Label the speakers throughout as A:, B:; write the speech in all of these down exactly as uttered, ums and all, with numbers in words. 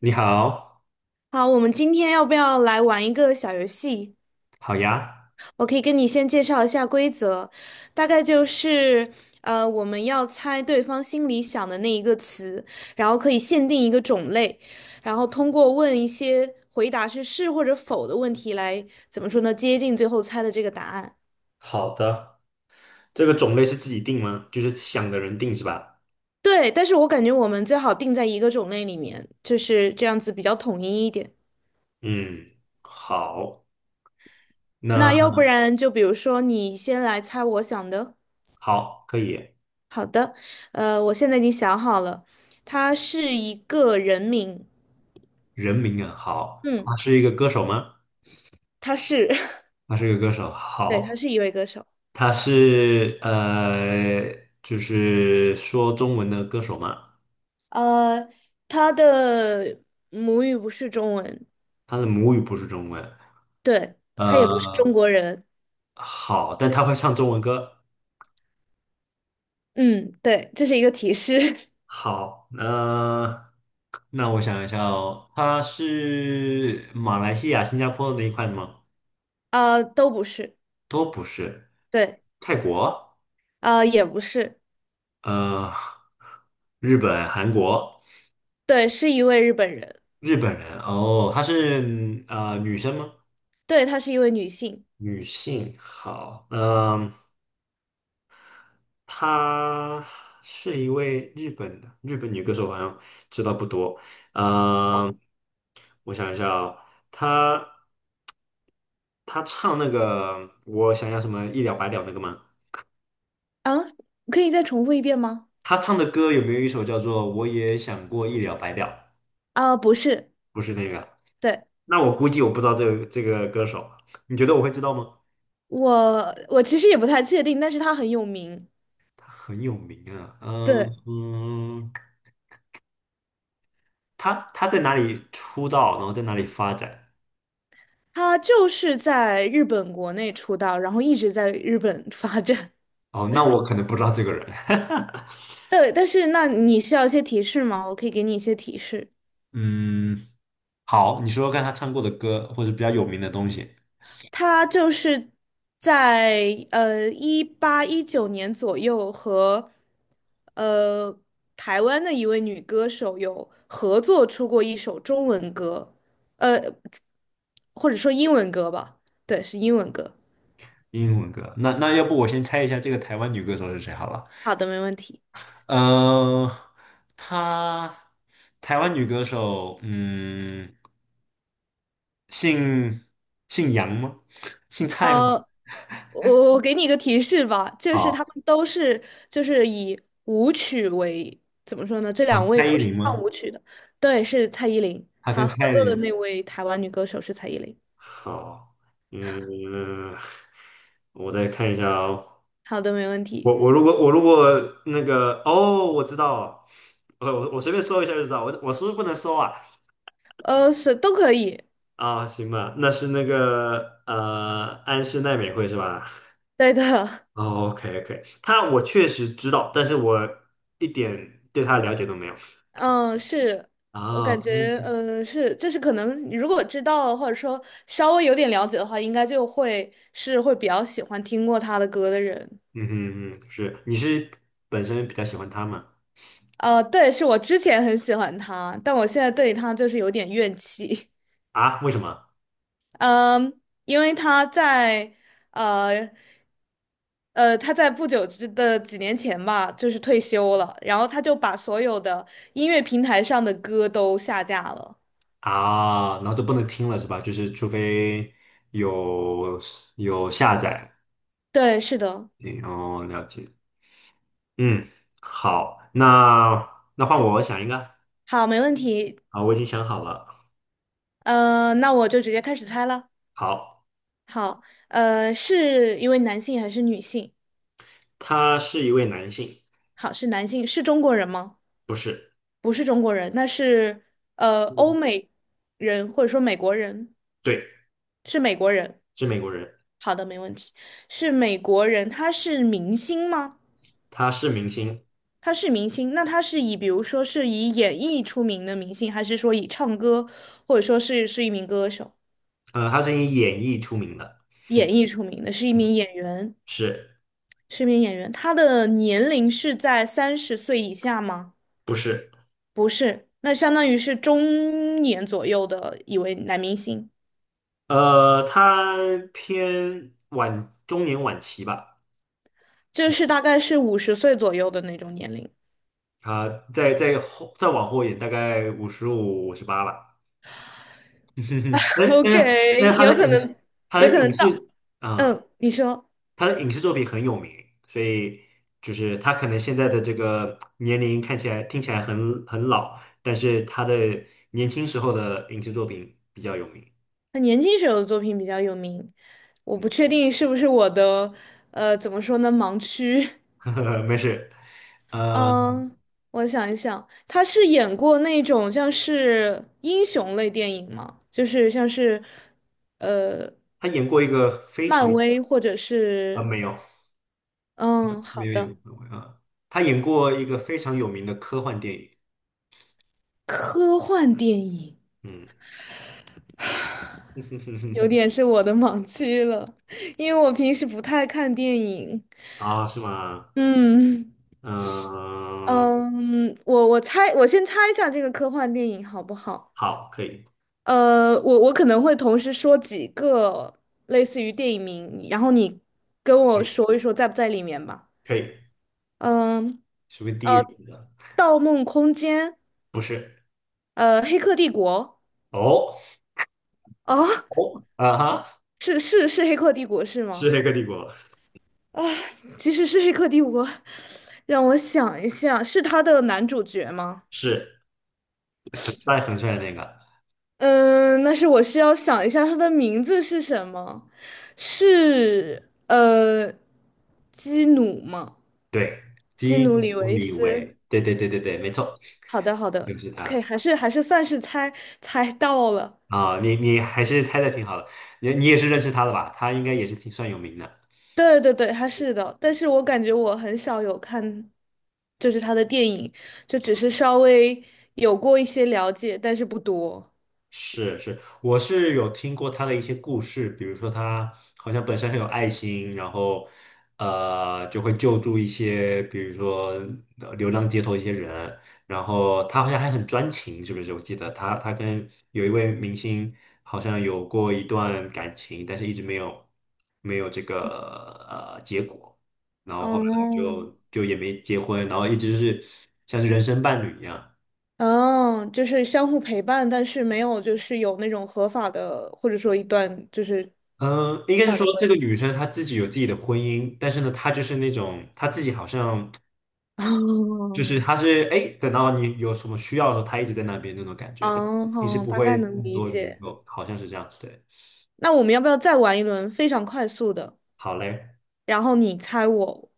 A: 你好，
B: 好，我们今天要不要来玩一个小游戏？
A: 好呀，
B: 我可以跟你先介绍一下规则，大概就是，呃，我们要猜对方心里想的那一个词，然后可以限定一个种类，然后通过问一些回答是是或者否的问题来，怎么说呢，接近最后猜的这个答案。
A: 好的，这个种类是自己定吗？就是想的人定是吧？
B: 对，但是我感觉我们最好定在一个种类里面，就是这样子比较统一一点。
A: 嗯，好，
B: 那要
A: 那
B: 不然就比如说你先来猜我想的。
A: 好，可以。
B: 好的，呃，我现在已经想好了，他是一个人名。
A: 人名啊，好，他
B: 嗯，
A: 是一个歌手吗？
B: 他是，
A: 他是一个歌手，
B: 对，他
A: 好，
B: 是一位歌手。
A: 他是呃，就是说中文的歌手吗？
B: 呃，他的母语不是中文。
A: 他的母语不是中文，
B: 对，他也不是中
A: 呃，
B: 国人。
A: 好，但他会唱中文歌，
B: 嗯，对，这是一个提示。
A: 好，那那我想一下哦，它是马来西亚、新加坡那一块吗？
B: 呃，都不是。
A: 都不是，
B: 对。
A: 泰国，
B: 呃，也不是。
A: 呃，日本、韩国，
B: 对，是一位日本人。
A: 日本人哦，她是呃女生吗？
B: 对，她是一位女性。
A: 女性，好，嗯、呃她是一位日本的日本女歌手，好像知道不多，嗯、我想一下哦，她。他唱那个我想要什么一了百了那个吗？
B: 啊，可以再重复一遍吗？
A: 他唱的歌有没有一首叫做《我也想过一了百了》？
B: 啊，不是。
A: 不是那个，
B: 对，
A: 那我估计我不知道这个这个歌手，你觉得我会知道吗？
B: 我，我其实也不太确定，但是她很有名。
A: 他很有名啊，嗯
B: 对。
A: 嗯，他他在哪里出道，然后在哪里发展？
B: 他就是在日本国内出道，然后一直在日本发展。
A: 哦，那我可能不知道这个人。
B: 对，但是那你需要一些提示吗？我可以给你一些提示。
A: 嗯，好，你说说看他唱过的歌，或者比较有名的东西，
B: 他就是在呃一八一九年左右和呃台湾的一位女歌手有合作出过一首中文歌，呃或者说英文歌吧。对，是英文歌。
A: 英文歌。那那要不我先猜一下这个台湾女歌手是谁好了。
B: 好的，没问题。
A: 呃，她台湾女歌手，嗯，姓姓杨吗？姓蔡吗？
B: 呃，我我给你一个提示吧，就是他
A: 好，
B: 们都是就是以舞曲为怎么说呢？这两
A: 哦，
B: 位
A: 蔡
B: 都
A: 依
B: 是
A: 林
B: 唱
A: 吗？
B: 舞曲的。对，是蔡依林，
A: 她
B: 她
A: 跟
B: 合
A: 蔡依
B: 作的
A: 林，
B: 那位台湾女歌手是蔡依林。
A: 好，嗯，我再看一下哦。
B: 好的，没问题。
A: 我我如果我如果那个哦，我知道了，我我我随便搜一下就知道。我我是不是不能搜啊？
B: 呃，是都可以。
A: 啊，行吧，那是那个呃安室奈美惠是吧？
B: 对的。
A: 哦，OK OK，他我确实知道，但是我一点对他的了解都没有。
B: 嗯，是。我感
A: 啊，
B: 觉，
A: 嗯
B: 嗯，是，就是可能，你如果知道或者说稍微有点了解的话，应该就会是会比较喜欢听过他的歌的人。
A: 嗯嗯嗯，是，你是本身比较喜欢他吗？
B: 呃，对，是我之前很喜欢他，但我现在对他就是有点怨气。
A: 啊，为什么？
B: 嗯，因为他在呃呃，他在不久之的几年前吧，就是退休了，然后他就把所有的音乐平台上的歌都下架了。
A: 啊，然后都不能听了是吧？就是除非有有下载，
B: 对，是的。
A: 嗯哦，了解。嗯，好，那那换我，我想一个。
B: 好，没问题。
A: 好，我已经想好了。
B: 呃，那我就直接开始猜了。
A: 好，
B: 好，呃，是一位男性还是女性？
A: 他是一位男性，
B: 好，是男性。是中国人吗？
A: 不是，
B: 不是中国人，那是呃欧
A: 嗯
B: 美人或者说美国人，
A: 对，
B: 是美国人。
A: 是美国人，
B: 好的，没问题，是美国人。他是明星吗？
A: 他是明星。
B: 他是明星，那他是以比如说是以演艺出名的明星，还是说以唱歌，或者说是是一名歌手。
A: 呃，他是以演绎出名的，
B: 演艺出名的，是一
A: 嗯，
B: 名演员，
A: 是
B: 是一名演员。他的年龄是在三十岁以下吗？
A: 不是？
B: 不是，那相当于是中年左右的一位男明星。
A: 呃，他偏晚中年晚期吧，
B: 就
A: 嗯，
B: 是大概是五十岁左右的那种年龄。
A: 他在在后再往后一点，大概五十五、五十八了。但 是但是但
B: OK，
A: 是他
B: 有
A: 的
B: 可
A: 影视
B: 能，
A: 他
B: 有
A: 的
B: 可
A: 影
B: 能到。
A: 视啊、
B: 嗯，你说。
A: 他的影视作品很有名，所以就是他可能现在的这个年龄看起来听起来很很老，但是他的年轻时候的影视作品比较有名。
B: 他年轻时候的作品比较有名，我不确定是不是我的，呃，怎么说呢，盲区。
A: 嗯，没事。嗯。
B: 嗯，我想一想，他是演过那种像是英雄类电影吗？就是像是，呃，
A: 他演过一个非
B: 漫嗯
A: 常
B: 威或者
A: 啊、
B: 是。
A: 没有
B: 嗯，
A: 没
B: 好
A: 有演
B: 的，
A: 过啊，他演过一个非常有名的科幻电影，
B: 科幻电影。
A: 嗯，
B: 有 点是我的盲区了，因为我平时不太看电影。
A: 啊是吗？
B: 嗯
A: 嗯，
B: 嗯，我我猜，我先猜一下这个科幻电影好不好？
A: 好，可以
B: 呃，我我可能会同时说几个类似于电影名，然后你跟
A: 可
B: 我
A: 以
B: 说一说在不在里面吧。
A: 可以，
B: 嗯，
A: 属于第一人的，
B: 《盗梦空间》。
A: 不是
B: 呃，《黑客帝国》。
A: 哦
B: 哦，
A: 哦啊哈，
B: 是是是，《黑客帝国》是
A: 是
B: 吗？
A: 《黑客帝国》，
B: 啊，其实是《黑客帝国》。让我想一下，是他的男主角吗？
A: 是很帅很帅的那个，
B: 嗯，那是我需要想一下他的名字是什么。是呃，基努吗？
A: 对，
B: 基努
A: 金
B: 里
A: 普
B: 维
A: 里
B: 斯。
A: 维，对对对对对，没错，
B: 好的，好
A: 就
B: 的
A: 是他
B: ，OK，还是还是算是猜猜到了。
A: 啊，你你还是猜的挺好的，你你也是认识他的吧？他应该也是挺算有名的。
B: 对对对，他是的，但是我感觉我很少有看，就是他的电影，就只是稍微有过一些了解，但是不多。
A: 是是，我是有听过他的一些故事，比如说他好像本身很有爱心，然后呃就会救助一些，比如说呃流浪街头一些人，然后他好像还很专情，是不是？我记得他他跟有一位明星好像有过一段感情，但是一直没有没有这个呃结果，然后后面
B: 哦。
A: 就就也没结婚，然后一直是像是人生伴侣一样。
B: 哦，就是相互陪伴，但是没有就是有那种合法的，或者说一段就是合
A: 嗯，应该是
B: 法
A: 说
B: 的关
A: 这
B: 系。
A: 个女生她自己有自己的婚姻，但是呢，她就是那种她自己好像 就是
B: 哦，
A: 她是哎，等到你有什么需要的时候，她一直在那边那种感觉，但
B: 嗯，
A: 平时
B: 好，
A: 不
B: 大概
A: 会
B: 能
A: 很
B: 理
A: 多联
B: 解。
A: 络，好像是这样。对，
B: 那我们要不要再玩一轮非常快速的？
A: 好嘞，
B: 然后你猜我，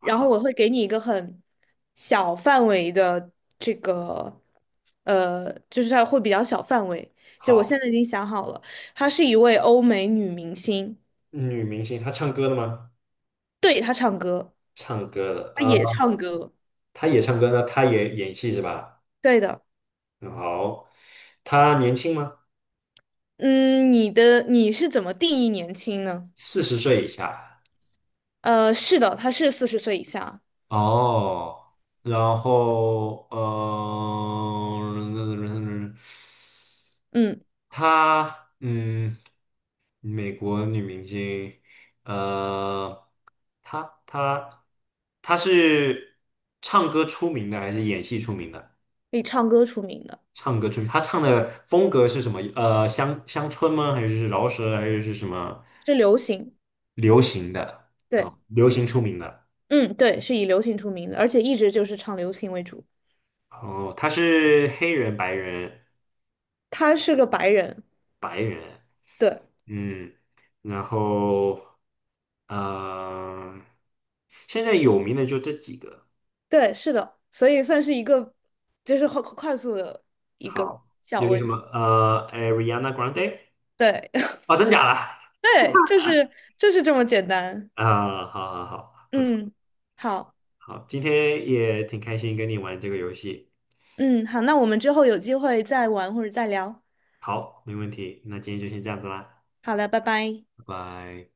B: 然后我会给你一个很小范围的这个，呃，就是它会比较小范围。就我
A: 好，
B: 现在已经想好了，她是一位欧美女明星。
A: 女明星她唱歌的吗？
B: 对，她唱歌。
A: 唱歌的，
B: 她
A: 呃，
B: 也唱歌。
A: 她也唱歌呢，她也演戏是吧？
B: 对的。
A: 嗯好，她年轻吗？
B: 嗯，你的你是怎么定义年轻呢？
A: 四十岁以下。
B: 呃，是的，他是四十岁以下。
A: 哦，然后，呃，
B: 嗯，
A: 她嗯，美国女明星，呃，她她她是唱歌出名的还是演戏出名的？
B: 以唱歌出名的。
A: 唱歌出名，她唱的风格是什么？呃，乡乡村吗？还是饶舌？还是是什么
B: 是流行。
A: 流行的？
B: 对。
A: 哦，流行出名的。
B: 嗯，对，是以流行出名的，而且一直就是唱流行为主。
A: 哦，她是黑人、白人、
B: 他是个白人。
A: 白人。
B: 对。
A: 嗯，然后呃，现在有名的就这几个。
B: 对，是的，所以算是一个，就是快快速的一个
A: 好，
B: 小
A: 有一个什
B: 问
A: 么
B: 题。
A: 呃，Ariana Grande
B: 对，
A: 哦，真假的？
B: 对，就是就是这么简单。
A: 啊、好好好，不错，
B: 嗯，好。
A: 好，今天也挺开心跟你玩这个游戏。
B: 嗯，好，那我们之后有机会再玩或者再聊。
A: 好，没问题，那今天就先这样子啦，
B: 好了，拜拜。
A: 拜拜。